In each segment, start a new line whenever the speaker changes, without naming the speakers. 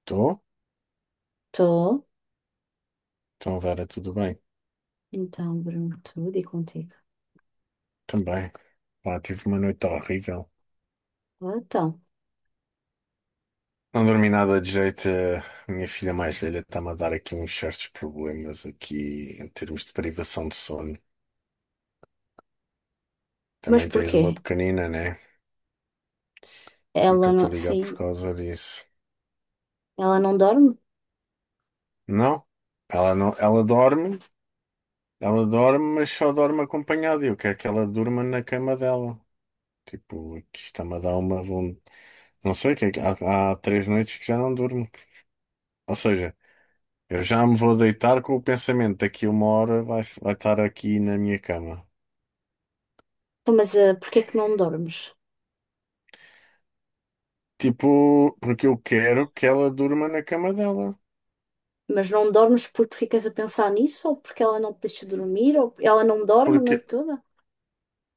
Estou?
Estou.
Então, Vera, tudo bem?
Então, Bruno, tudo e contigo.
Também. Pá, tive uma noite horrível.
Ah, então.
Não dormi nada de jeito. A minha filha mais velha está-me a dar aqui uns certos problemas aqui em termos de privação de sono.
Mas
Também tens uma
porquê?
pequenina, né? E
Ela
estou-te a
não.
ligar por
Sim,
causa disso.
ela não dorme?
Não, ela não, ela dorme, mas só dorme acompanhada. Eu quero que ela durma na cama dela. Tipo, isto está-me a dar uma. Não sei, o que é que- há três noites que já não durmo. Ou seja. Eu já me vou deitar com o pensamento, daqui uma hora vai estar aqui na minha cama.
Então, mas porquê que não dormes?
Tipo, porque eu quero que ela durma na cama dela.
Mas não dormes porque ficas a pensar nisso? Ou porque ela não te deixa dormir? Ou ela não dorme a
Porque
noite toda?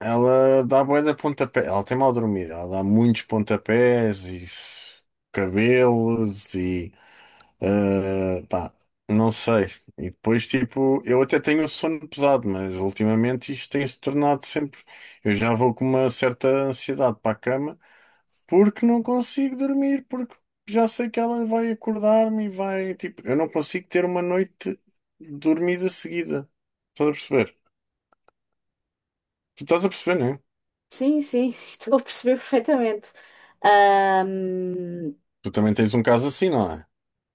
ela dá bué de pontapé. Ela tem mal dormir. Ela dá muitos pontapés e cabelos e pá, não sei. E depois, tipo, eu até tenho sono pesado, mas ultimamente isto tem se tornado sempre. Eu já vou com uma certa ansiedade para a cama. Porque não consigo dormir, porque já sei que ela vai acordar-me e vai. Tipo, eu não consigo ter uma noite dormida seguida. Estás a perceber? Tu estás a perceber, não é?
Sim, sim, estou a perceber perfeitamente. Ahm,
Tu também tens um caso assim, não é?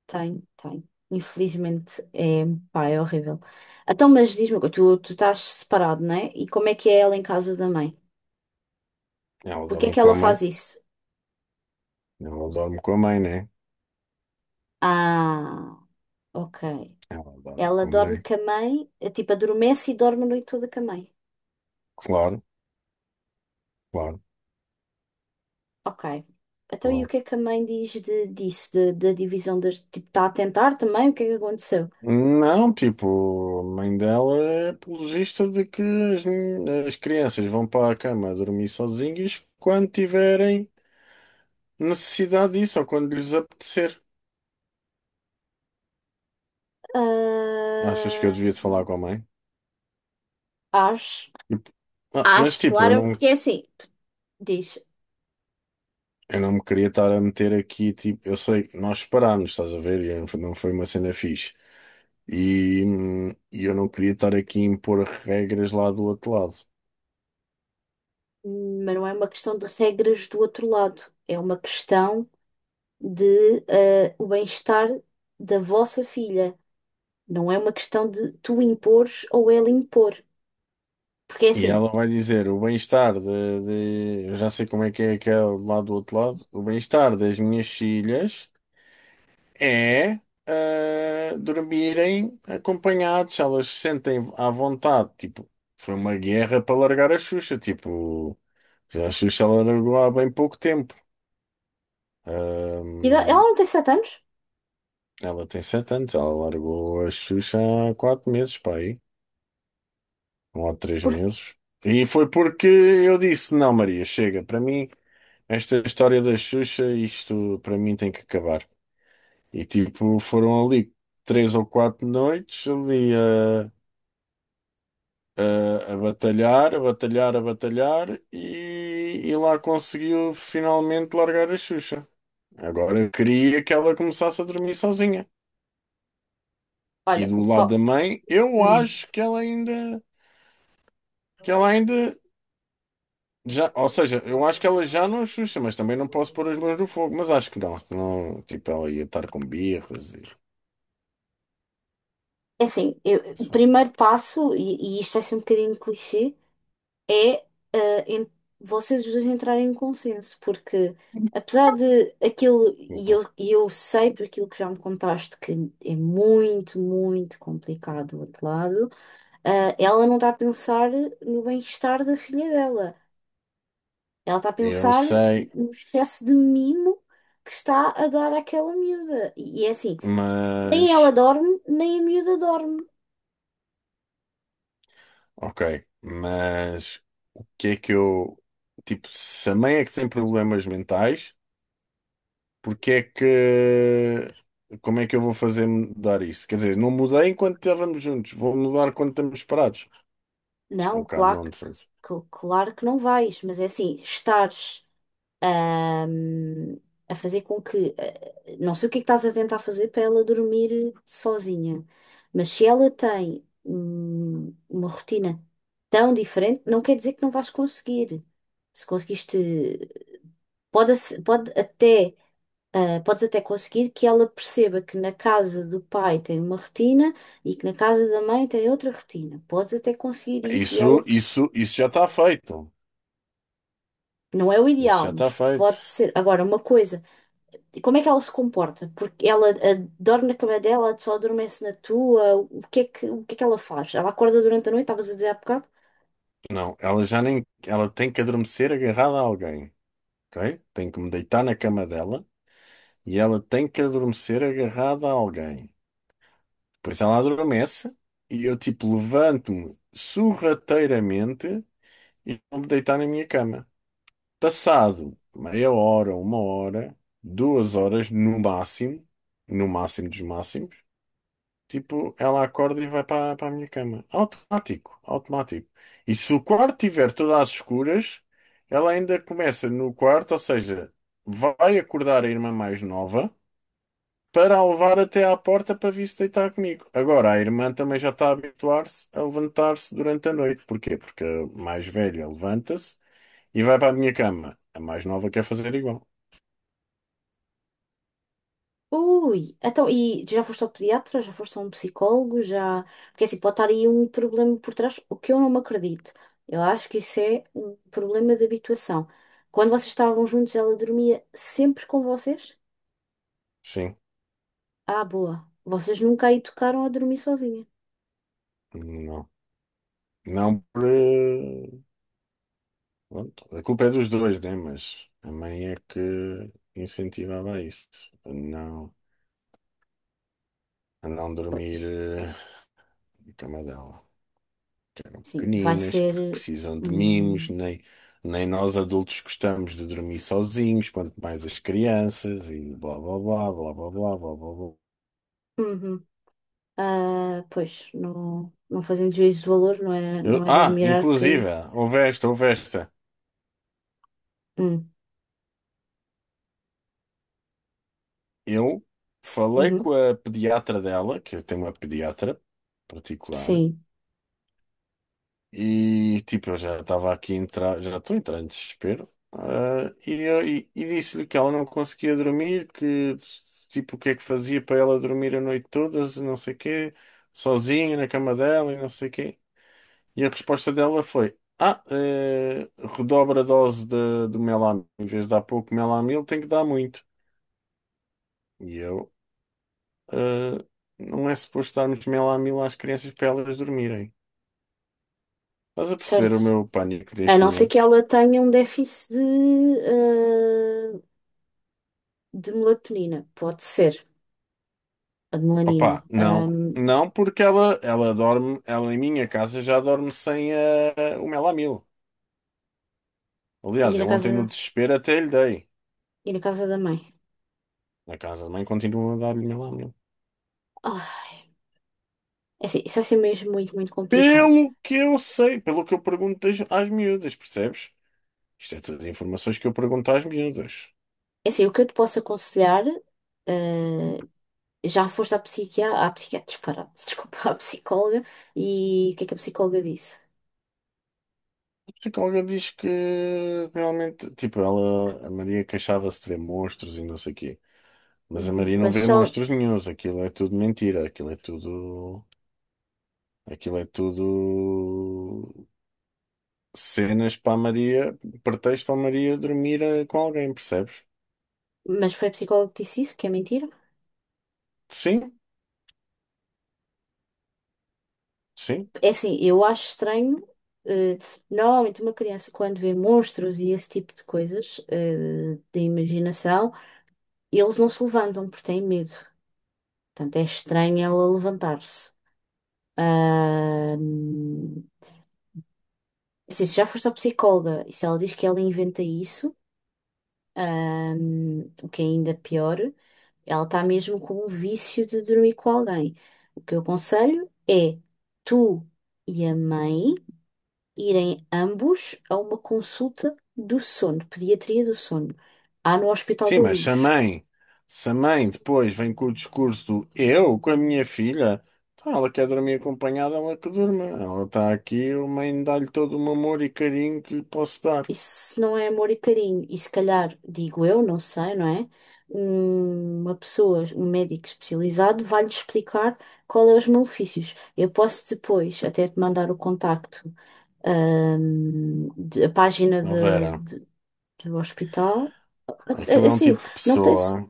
Tem, tem. Infelizmente é, pá, é horrível. Então, mas diz-me, uma coisa, tu estás separado, não é? E como é que é ela em casa da mãe?
Ela
Porque é
dorme
que
com a
ela
mãe.
faz isso?
Ela dorme com a mãe, não é?
Ah. Ok.
Ela dorme
Ela
com a
dorme
mãe.
com a mãe, tipo, adormece e dorme a noite toda com a mãe.
Claro, claro,
Ok. Então, e o
claro.
que é que a mãe diz disso, da divisão das. Tipo, está a tentar também? O que é que aconteceu?
Não, tipo, a mãe dela é apologista de que as, as crianças vão para a cama dormir sozinhas quando tiverem necessidade disso ou quando lhes apetecer. Achas que eu
Ah,
devia te falar com a mãe?
acho.
Tipo, mas
Acho,
tipo,
claro, porque é assim. Diz,
eu não me queria estar a meter aqui, tipo, eu sei, nós separámos, estás a ver? E não foi uma cena fixe. E eu não queria estar aqui a impor regras lá do outro lado.
mas não é uma questão de regras do outro lado. É uma questão de o bem-estar da vossa filha. Não é uma questão de tu impores ou ela impor. Porque é
E
assim.
ela vai dizer, o bem-estar Eu já sei como é que é aquele lá do outro lado. O bem-estar das minhas filhas é dormirem acompanhados, elas se sentem à vontade. Tipo, foi uma guerra para largar a Xuxa. Tipo, a Xuxa ela largou há bem pouco tempo.
Ela
Ahm,
não tem 7 anos?
ela tem 7 anos, ela largou a Xuxa há 4 meses, para aí, um ou há três
Porque,
meses. E foi porque eu disse: Não, Maria, chega, para mim, esta história da Xuxa, isto para mim tem que acabar. E tipo, foram ali 3 ou 4 noites ali. a batalhar, a batalhar, a batalhar e lá conseguiu finalmente largar a Xuxa. Agora eu queria que ela começasse a dormir sozinha. E
olha,
do lado da mãe, eu
hum,
acho que ela ainda já, ou seja, eu acho que ela já não é Xuxa, mas também não posso pôr as mãos no fogo, mas acho que não, não, tipo, ela ia estar com birras e
é assim, o
sabe?
primeiro passo, e isto vai ser um bocadinho clichê, é ah, en- vocês os dois entrarem em consenso, porque apesar de aquilo,
Opa.
e eu sei por aquilo que já me contaste que é muito, muito complicado do outro lado, ela não está a pensar no bem-estar da filha dela. Ela está a
Eu
pensar
sei,
no excesso de mimo que está a dar àquela miúda. E é assim, nem
mas
ela dorme, nem a miúda dorme.
ok, mas que é que eu, tipo, se a mãe é que tem problemas mentais, porque é que, como é que eu vou fazer mudar isso? Quer dizer, não mudei enquanto estávamos juntos, vou mudar quando estamos separados. Acho que é um
Não,
bocado
claro que,
nonsense.
claro que não vais, mas é assim, estares ahm, a fazer com que. Não sei o que é que estás a tentar fazer para ela dormir sozinha, mas se ela tem uma rotina tão diferente, não quer dizer que não vais conseguir. Se conseguiste. Pode até. Ah, podes até conseguir que ela perceba que na casa do pai tem uma rotina e que na casa da mãe tem outra rotina. Podes até conseguir isso e
Isso, isso, isso já está feito.
não é o
Isso já
ideal,
está
mas
feito.
pode ser. Agora, uma coisa, e como é que ela se comporta? Porque dorme na cama dela, só adormece na tua, o que é que ela faz? Ela acorda durante a noite, estavas a dizer há bocado?
Não, ela já nem, ela tem que adormecer agarrada a alguém, ok? Tem que me deitar na cama dela e ela tem que adormecer agarrada a alguém. Pois ela adormece e eu tipo levanto-me sorrateiramente e vou-me deitar na minha cama. Passado meia hora, uma hora, 2 horas no máximo, no máximo dos máximos, tipo, ela acorda e vai para a minha cama. Automático, automático. E se o quarto estiver todo às escuras, ela ainda começa no quarto, ou seja, vai acordar a irmã mais nova para a levar até à porta para vir se deitar comigo. Agora, a irmã também já está a habituar-se a levantar-se durante a noite. Porquê? Porque a mais velha levanta-se e vai para a minha cama. A mais nova quer fazer igual.
Ui, então, e já foste ao pediatra? Já foste a um psicólogo? Já. Porque é assim, pode estar aí um problema por trás, o que eu não me acredito. Eu acho que isso é um problema de habituação. Quando vocês estavam juntos, ela dormia sempre com vocês?
Sim,
Ah, boa. Vocês nunca aí tocaram a dormir sozinha.
não. Não por. eh, pronto, a culpa é dos dois, né? Mas a mãe é que incentivava isso, a não, a não
Pois,
dormir na cama dela. Eram
sim, vai
pequeninas, porque
ser.
precisam de mimos,
hum,
nem, nem nós adultos gostamos de dormir sozinhos, quanto mais as crianças, e blá blá blá blá blá blá blá blá. Blá.
uhum. Ah, pois, não, não fazendo juízo de valor, não é, não é de admirar
Inclusive,
que.
houve esta.
hum,
Eu falei
uhum.
com a pediatra dela, que eu tenho uma pediatra particular.
Sim,
E tipo, eu já estava aqui a entrar, já estou a entrar em desespero. Ah, e disse-lhe que ela não conseguia dormir, que tipo, o que é que fazia para ela dormir a noite toda, não sei quê, sozinha na cama dela e não sei quê. E a resposta dela foi: Ah, redobra a dose de, do Melamil. Em vez de dar pouco Melamil, tem que dar muito. E eu, ah, não é suposto darmos Melamil às crianças para elas dormirem. Estás a perceber
certo.
o meu pânico
A
neste
não ser que
momento?
ela tenha um déficit de, eh, de melatonina. Pode ser. A de melanina.
Opa, não. Não, porque ela dorme, ela em minha casa já dorme sem o melamil.
E
Aliás,
na
eu ontem no
casa,
desespero até lhe dei.
e na casa da mãe.
Na casa da mãe continua a dar-lhe melamil.
Ah, é assim, isso vai ser mesmo muito, muito complicado.
Pelo que eu sei, pelo que eu pergunto às miúdas, percebes? Isto é tudo informações que eu pergunto às miúdas.
É assim, o que eu te posso aconselhar, eh, já foste à psiquiatra, disparado, desculpa, à psicóloga, e o que é que a psicóloga disse?
A psicóloga diz que realmente, tipo, ela, a Maria queixava-se de ver monstros e não sei o quê. Mas a
Uhum,
Maria não
mas,
vê
só,
monstros nenhuns, aquilo é tudo mentira, aquilo é tudo. Aquilo é tudo cenas para a Maria, pretexto para a Maria dormir com alguém, percebes?
mas foi a psicóloga que disse isso, que é mentira?
Sim, sim.
É assim, eu acho estranho. eh, Normalmente, uma criança, quando vê monstros e esse tipo de coisas, da imaginação, eles não se levantam porque têm medo. Portanto, é estranho ela levantar-se. Ahm, assim, se já foste à psicóloga e se ela diz que ela inventa isso, o que é ainda pior, ela está mesmo com um vício de dormir com alguém. O que eu aconselho é tu e a mãe. Irem ambos a uma consulta do sono, pediatria do sono, há no Hospital
Sim,
da
mas se a
Luz.
mãe, se a mãe depois vem com o discurso do eu com a minha filha, então ela quer dormir acompanhada, ela que durma. Ela está aqui, a mãe dá-lhe todo o amor e carinho que lhe posso dar.
Isso não é amor e carinho. E se calhar, digo eu, não sei, não é? Uma pessoa, um médico especializado, vai-lhe explicar qual é os malefícios. Eu posso depois até te mandar o contacto, a página
Ó Vera,
do hospital.
aquilo é um
Assim,
tipo de
não tens,
pessoa,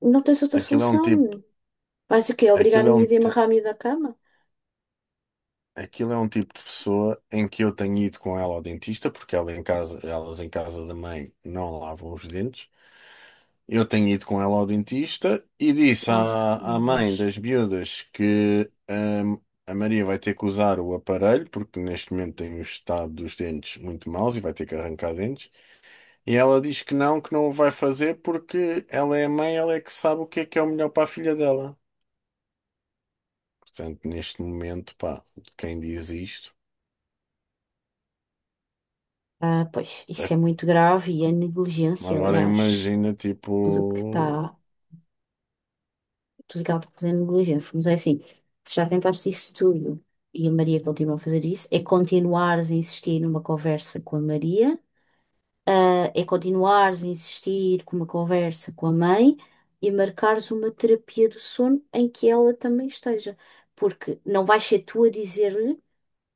não tens outra
aquilo é um tipo,
solução. Vais o quê? Obrigar
aquilo
a
é um,
miúda a
ti-
amarrar a miúda à cama?
aquilo é um tipo de pessoa em que eu tenho ido com ela ao dentista, porque ela em casa, elas em casa da mãe não lavam os dentes. Eu tenho ido com ela ao dentista e disse
Nossa,
à,
meu
à mãe
Deus.
das miúdas que a Maria vai ter que usar o aparelho, porque neste momento tem o estado dos dentes muito maus e vai ter que arrancar dentes. E ela diz que não o vai fazer porque ela é a mãe, ela é que sabe o que é o melhor para a filha dela. Portanto, neste momento, pá, quem diz isto.
Ah, pois, isso é muito grave e é negligência,
Agora
aliás.
imagina,
Tudo que
tipo.
está, tudo que ela está fazendo é negligência. Mas é assim, se já tentaste isso tudo e a Maria continua a fazer isso, é continuares a insistir numa conversa com a Maria, é continuares a insistir com uma conversa com a mãe e marcares uma terapia do sono em que ela também esteja. Porque não vais ser tu a dizer-lhe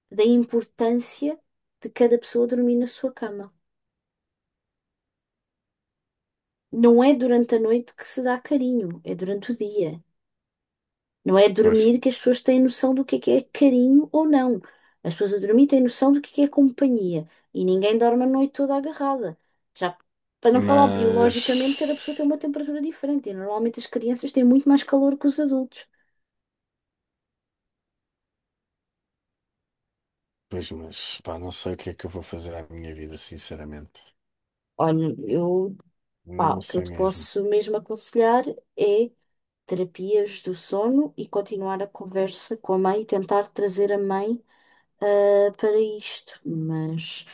da importância de cada pessoa dormir na sua cama. Não é durante a noite que se dá carinho, é durante o dia. Não é a
Pois,
dormir que as pessoas têm noção do que é carinho ou não. As pessoas a dormir têm noção do que é companhia. E ninguém dorme a noite toda agarrada. Já para não falar
mas.
biologicamente, cada pessoa tem uma temperatura diferente. E normalmente as crianças têm muito mais calor que os adultos.
Pois, mas, pá, não sei o que é que eu vou fazer à minha vida, sinceramente.
Olha, eu, pá, o
Não
que eu
sei
te
mesmo.
posso mesmo aconselhar é terapias do sono e continuar a conversa com a mãe e tentar trazer a mãe para isto, mas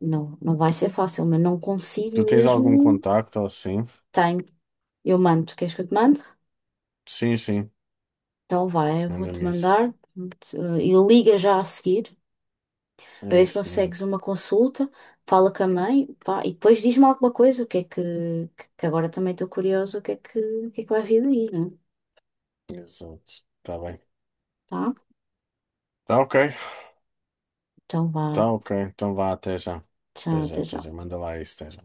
não, não vai ser fácil, mas não consigo
Tu tens algum
mesmo.
contacto ou assim?
Tenho, eu mando, queres que eu te mande?
Sim, sim,
Então vai, eu vou-te
manda-me isso.
mandar e liga já a seguir para
É
ver se
isso mesmo.
consegues uma consulta, fala com a mãe, pá, e depois diz-me alguma coisa, o que é que, que agora também estou curiosa, o que é que vai vir daí, né?
Exato. Tá bem.
Tá?
Tá ok.
Então vá,
Tá ok. Então vá, até já. Até
tchau,
já,
até
até
já.
já. Manda lá isso, até já.